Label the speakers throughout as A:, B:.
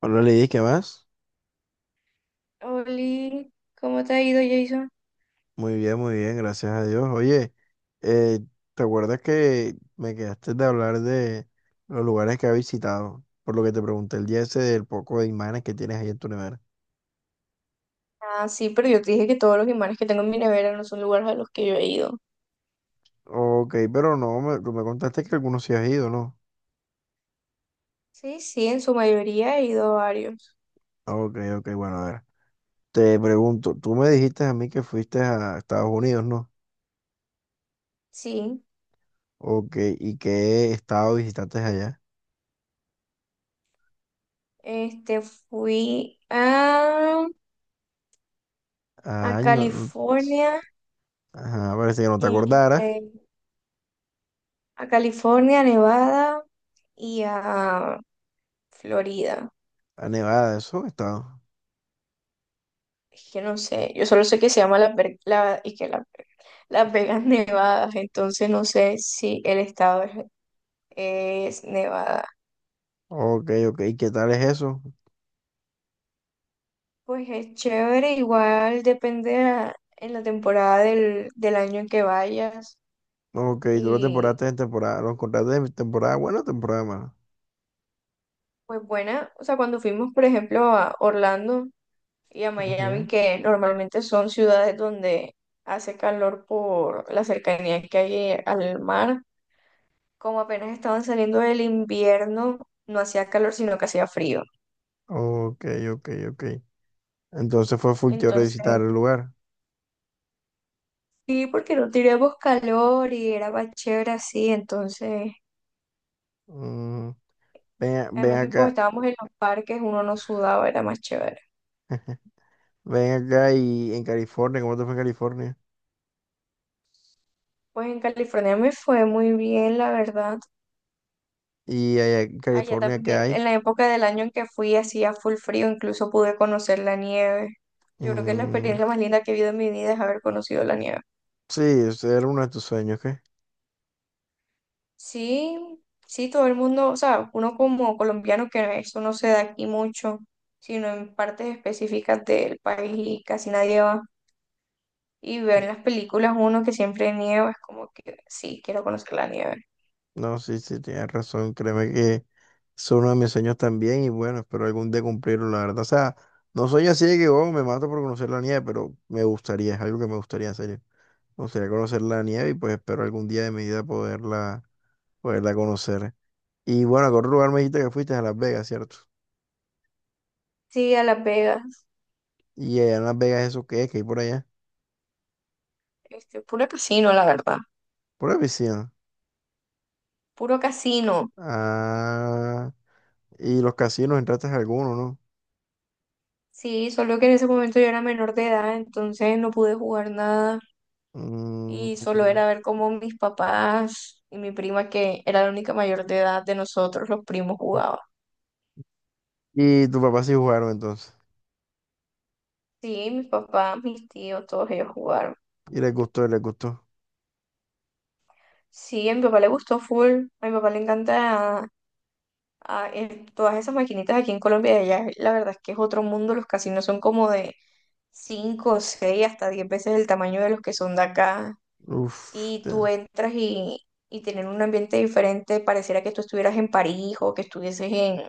A: Hola Lidis, ¿qué más?
B: Oli, ¿cómo te ha ido, Jason?
A: Muy bien, gracias a Dios. Oye, eh, ¿te acuerdas que me quedaste de hablar de los lugares que has visitado? Por lo que te pregunté el día ese del poco de imanes que tienes ahí en tu nevera.
B: Ah, sí, pero yo te dije que todos los imanes que tengo en mi nevera no son lugares a los que yo he ido.
A: Ok, pero no, me, tú me contaste que algunos sí has ido, ¿no?
B: Sí, sí, en su mayoría he ido a varios.
A: Ok, ok, bueno, a ver. Te pregunto, tú me dijiste a mí que fuiste a Estados Unidos, ¿no?
B: Sí,
A: Ok, ¿y qué estado visitaste allá?
B: fui a
A: Ay,
B: California,
A: ajá, parece que no te acordaras.
B: este, a California, Nevada y a Florida.
A: A Nevada, eso, estado.
B: Es que no sé, yo solo sé que se llama la, Ver- la, y que la, Las Vegas Nevadas, entonces no sé si es Nevada.
A: Ok, ok, ¿qué tal es eso?
B: Pues es chévere, igual depende en la temporada del año en que vayas.
A: Ok, tú lo
B: Y
A: temporaste en temporada, lo encontraste de temporada buena o temporada mala.
B: pues buena, o sea, cuando fuimos, por ejemplo, a Orlando y a Miami,
A: Ujú.
B: que normalmente son ciudades donde hace calor por la cercanía que hay al mar, como apenas estaban saliendo del invierno, no hacía calor, sino que hacía frío.
A: Ok, ok, ok. Entonces fue full teórico de
B: Entonces,
A: visitar el lugar.
B: sí, porque no teníamos calor y era más chévere así, entonces...
A: Mm, Ven, ven
B: Además que como
A: acá,
B: estábamos en los parques, uno no sudaba, era más chévere.
A: ven acá y en California, ¿cómo te fue en California?
B: Pues en California me fue muy bien, la verdad.
A: Y allá en
B: Allá
A: California, ¿qué
B: también,
A: hay?
B: en la época del año en que fui, hacía full frío, incluso pude conocer la nieve. Yo creo que es la
A: Mm.
B: experiencia más linda que he vivido en mi vida es haber conocido la nieve.
A: Sí, ese era uno de tus sueños.
B: Sí, sí, todo el mundo, o sea, uno como colombiano que eso no se da aquí mucho, sino en partes específicas del país y casi nadie va. Y ver en las películas uno que siempre nieva, es como que sí, quiero conocer la nieve.
A: No, sí, sí, tienes razón. Créeme que es uno de mis sueños también y bueno, espero algún día cumplirlo, la verdad. O sea, no soy así de que oh, me mato por conocer la nieve, pero me gustaría, es algo que me gustaría hacer. Me gustaría conocer la nieve y pues espero algún día de mi vida poderla, poderla conocer. Y bueno, ¿a qué otro lugar me dijiste que fuiste? A Las Vegas, ¿cierto?
B: Sí, a Las Vegas.
A: Y allá en Las Vegas, ¿eso qué es? ¿Qué hay por allá?
B: Puro casino, la verdad.
A: Por la piscina.
B: Puro casino.
A: Ah, y los casinos, entraste a alguno, ¿no?
B: Sí, solo que en ese momento yo era menor de edad, entonces no pude jugar nada.
A: Mm.
B: Y solo era ver cómo mis papás y mi prima, que era la única mayor de edad de nosotros, los primos jugaban.
A: Y tu papá sí jugaron entonces.
B: Sí, mis papás, mis tíos, todos ellos jugaron.
A: Y les gustó, les gustó.
B: Sí, a mi papá le gustó full. A mi papá le encanta todas esas maquinitas aquí en Colombia. Y allá, la verdad es que es otro mundo. Los casinos son como de 5 6 hasta 10 veces el tamaño de los que son de acá.
A: Uf,
B: Y
A: te-
B: tú entras y tienen un ambiente diferente, pareciera que tú estuvieras en París o que estuvieses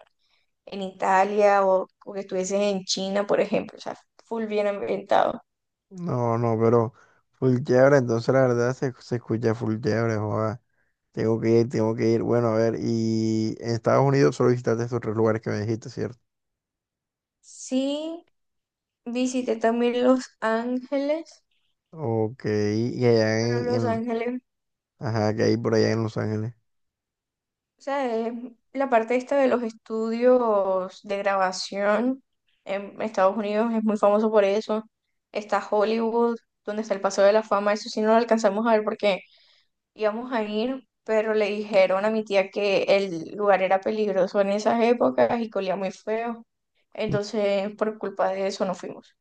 B: en Italia o que estuvieses en China, por ejemplo, o sea, full bien ambientado.
A: no, no, pero full chévere, entonces la verdad se, se escucha full chévere, joda. Tengo que ir, tengo que ir. Bueno, a ver, y en Estados Unidos solo visitaste estos tres lugares que me dijiste, ¿cierto?
B: Sí,
A: Y-
B: visité también Los Ángeles,
A: Ok, y allá
B: pero Los Ángeles,
A: ajá, ¿que hay por allá en Los Ángeles?
B: o sea, es la parte esta de los estudios de grabación en Estados Unidos es muy famoso por eso. Está Hollywood, donde está el Paseo de la Fama, eso sí no lo alcanzamos a ver porque íbamos a ir, pero le dijeron a mi tía que el lugar era peligroso en esas épocas y que olía muy feo.
A: Mm.
B: Entonces, por culpa de eso no fuimos.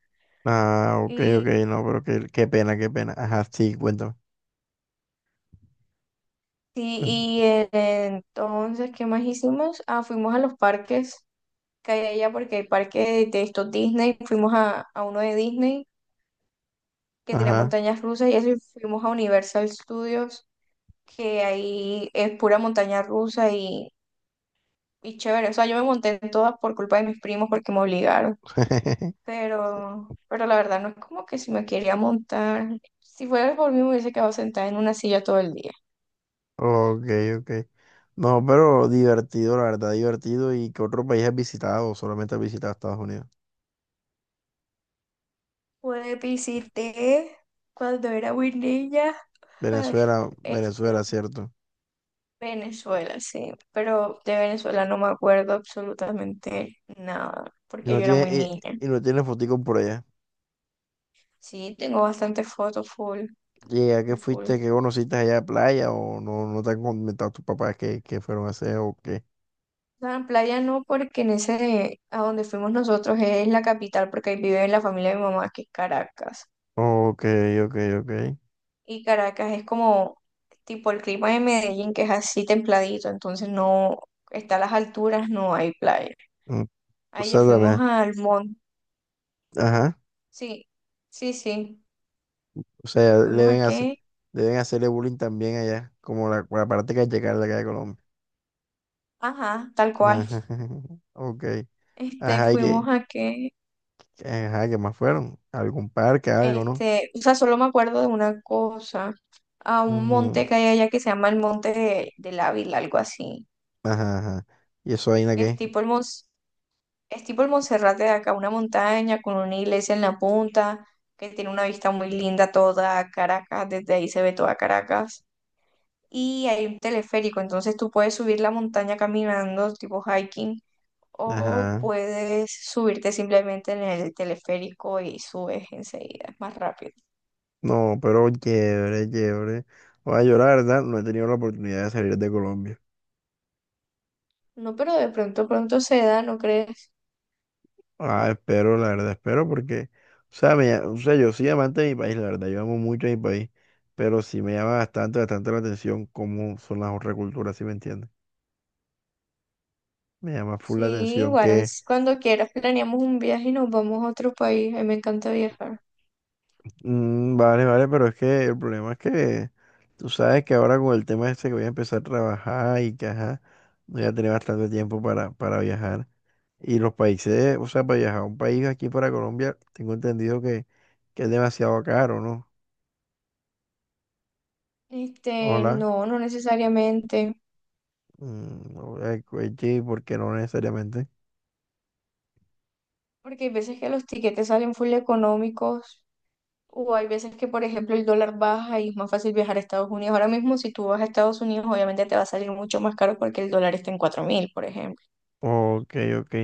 A: Ah, ok, ok,
B: Y,
A: no, pero qué, qué pena, qué pena. Ajá, sí, cuéntame.
B: sí,
A: cuen-
B: entonces, ¿qué más hicimos? Ah, fuimos a los parques que hay allá, porque hay parques de estos Disney. Fuimos a uno de Disney que tenía
A: Ajá.
B: montañas rusas y eso, y fuimos a Universal Studios, que ahí es pura montaña rusa y chévere. O sea, yo me monté en todas por culpa de mis primos porque me obligaron. Pero la verdad no es como que si me quería montar. Si fuera por mí, me hubiese quedado sentada en una silla todo el día.
A: Ok, ok. No, pero divertido, la verdad, divertido. ¿Y qué otro país has visitado? ¿O solamente has visitado Estados Unidos?
B: Pues visité cuando era muy niña, ay,
A: Venezuela, Venezuela,
B: este,
A: cierto.
B: Venezuela, sí, pero de Venezuela no me acuerdo absolutamente nada,
A: Y
B: porque
A: no
B: yo era muy
A: tiene,
B: niña.
A: y no tiene fotico por allá.
B: Sí, tengo bastantes fotos full,
A: ¿Y a qué
B: full, full.
A: fuiste? ¿Qué conociste allá de playa? ¿O no, no te han comentado tus papás qué, qué fueron a hacer o qué?
B: La playa no, porque en ese, a donde fuimos nosotros es la capital, porque ahí vive la familia de mi mamá, que es Caracas.
A: Ok, ok, ok.
B: Y Caracas es como tipo el clima de Medellín, que es así templadito, entonces no está a las alturas, no hay playa.
A: Mm. O
B: Ahí ya
A: sea,
B: fuimos
A: también.
B: al monte.
A: Ajá.
B: Sí, sí, sí.
A: O sea, le
B: Fuimos a
A: deben hacer,
B: qué.
A: deben hacerle bullying también allá, como la parte callejera de acá de Colombia.
B: Ajá, tal
A: Ajá.
B: cual.
A: Ok. Ajá, y
B: Fuimos
A: que,
B: a qué.
A: ajá, ¿qué más fueron? ¿Algún parque, algo, no?
B: O sea, solo me acuerdo de una cosa. A un
A: Ujú.
B: monte que hay allá que se llama el Monte del Ávila, algo así.
A: Ajá, ajá. ¿Y eso ahí en
B: Que es
A: qué?
B: tipo el monte. Es tipo el Monserrate de acá, una montaña con una iglesia en la punta, que tiene una vista muy linda toda Caracas, desde ahí se ve toda Caracas. Y hay un teleférico, entonces tú puedes subir la montaña caminando, tipo hiking, o
A: Ajá.
B: puedes subirte simplemente en el teleférico y subes enseguida, es más rápido.
A: No, pero chévere, chévere. Oye, yo la verdad no he tenido la oportunidad de salir de Colombia.
B: No, pero de pronto, pronto se da, ¿no crees?
A: Ah, espero, la verdad, espero porque, o sea, me, o sea, yo soy amante de mi país, la verdad, yo amo mucho a mi país, pero sí me llama bastante, bastante la atención ¿cómo son las otras culturas, si me entiendes? Me llama full la
B: Sí,
A: atención
B: igual,
A: que,
B: es cuando quieras planeamos un viaje y nos vamos a otro país, a mí me encanta viajar.
A: mm, vale, vale, pero es que el problema es que tú sabes que ahora con el tema este que voy a empezar a trabajar y que, ajá, voy a tener bastante tiempo para viajar. Y los países, o sea, para viajar a un país aquí para Colombia, tengo entendido que es demasiado caro, ¿no? Hola,
B: No, no necesariamente.
A: mm, sí, porque no necesariamente.
B: Porque hay veces que los tiquetes salen full económicos o hay veces que, por ejemplo, el dólar baja y es más fácil viajar a Estados Unidos. Ahora mismo, si tú vas a Estados Unidos, obviamente te va a salir mucho más caro porque el dólar está en 4000 por ejemplo.
A: Ok, ok.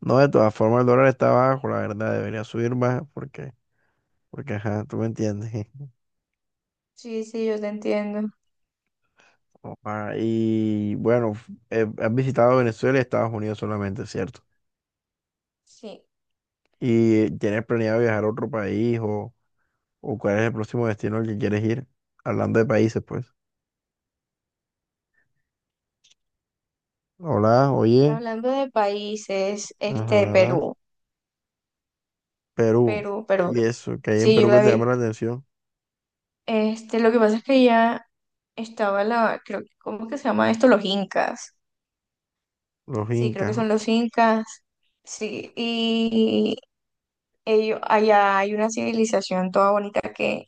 A: No, de todas formas el dólar está bajo, la verdad, debería subir más porque, porque, ajá, tú me entiendes.
B: Sí, sí, yo te entiendo.
A: Opa, y bueno, has visitado Venezuela y Estados Unidos solamente, ¿cierto?
B: Sí.
A: ¿Y tienes planeado viajar a otro país? ¿O o cuál es el próximo destino al que quieres ir? Hablando de países, pues. Hola, oye.
B: Hablando de países,
A: Ajá,
B: Perú,
A: Perú.
B: Perú.
A: Y eso, ¿que hay en
B: Sí, yo
A: Perú que
B: la
A: te
B: vi.
A: llama la atención?
B: Lo que pasa es que ya estaba la, creo, ¿cómo que se llama esto? Los incas.
A: Los
B: Sí, creo que
A: incas.
B: son los incas. Sí, allá hay una civilización toda bonita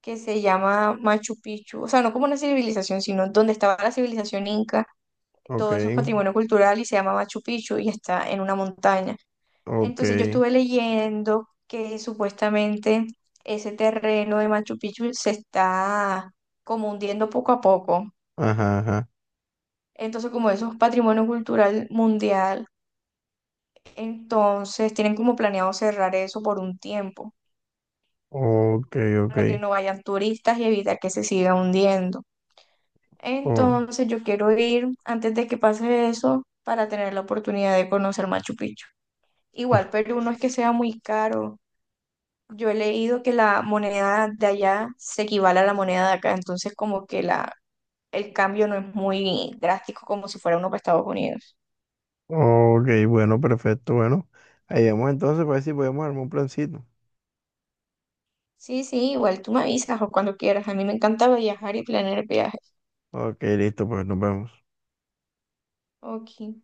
B: que se llama Machu Picchu, o sea, no como una civilización, sino donde estaba la civilización inca,
A: Ok,
B: todo eso es patrimonio cultural y se llama Machu Picchu y está en una montaña.
A: ok.
B: Entonces yo estuve leyendo que supuestamente ese terreno de Machu Picchu se está como hundiendo poco a poco.
A: Ajá, ajá.
B: Entonces, como eso es patrimonio cultural mundial, entonces tienen como planeado cerrar eso por un tiempo
A: Ok, ok.
B: para que no vayan turistas y evitar que se siga hundiendo.
A: Oh,
B: Entonces yo quiero ir antes de que pase eso para tener la oportunidad de conocer Machu Picchu. Igual Perú no es que sea muy caro. Yo he leído que la moneda de allá se equivale a la moneda de acá, entonces como que el cambio no es muy drástico como si fuera uno para Estados Unidos.
A: ok, bueno, perfecto. Bueno, ahí vamos entonces para ver si podemos armar un plancito.
B: Sí, sí, igual tú me avisas o cuando quieras. A mí me encanta viajar y planear viajes.
A: Ok, listo, pues nos vemos.
B: Ok.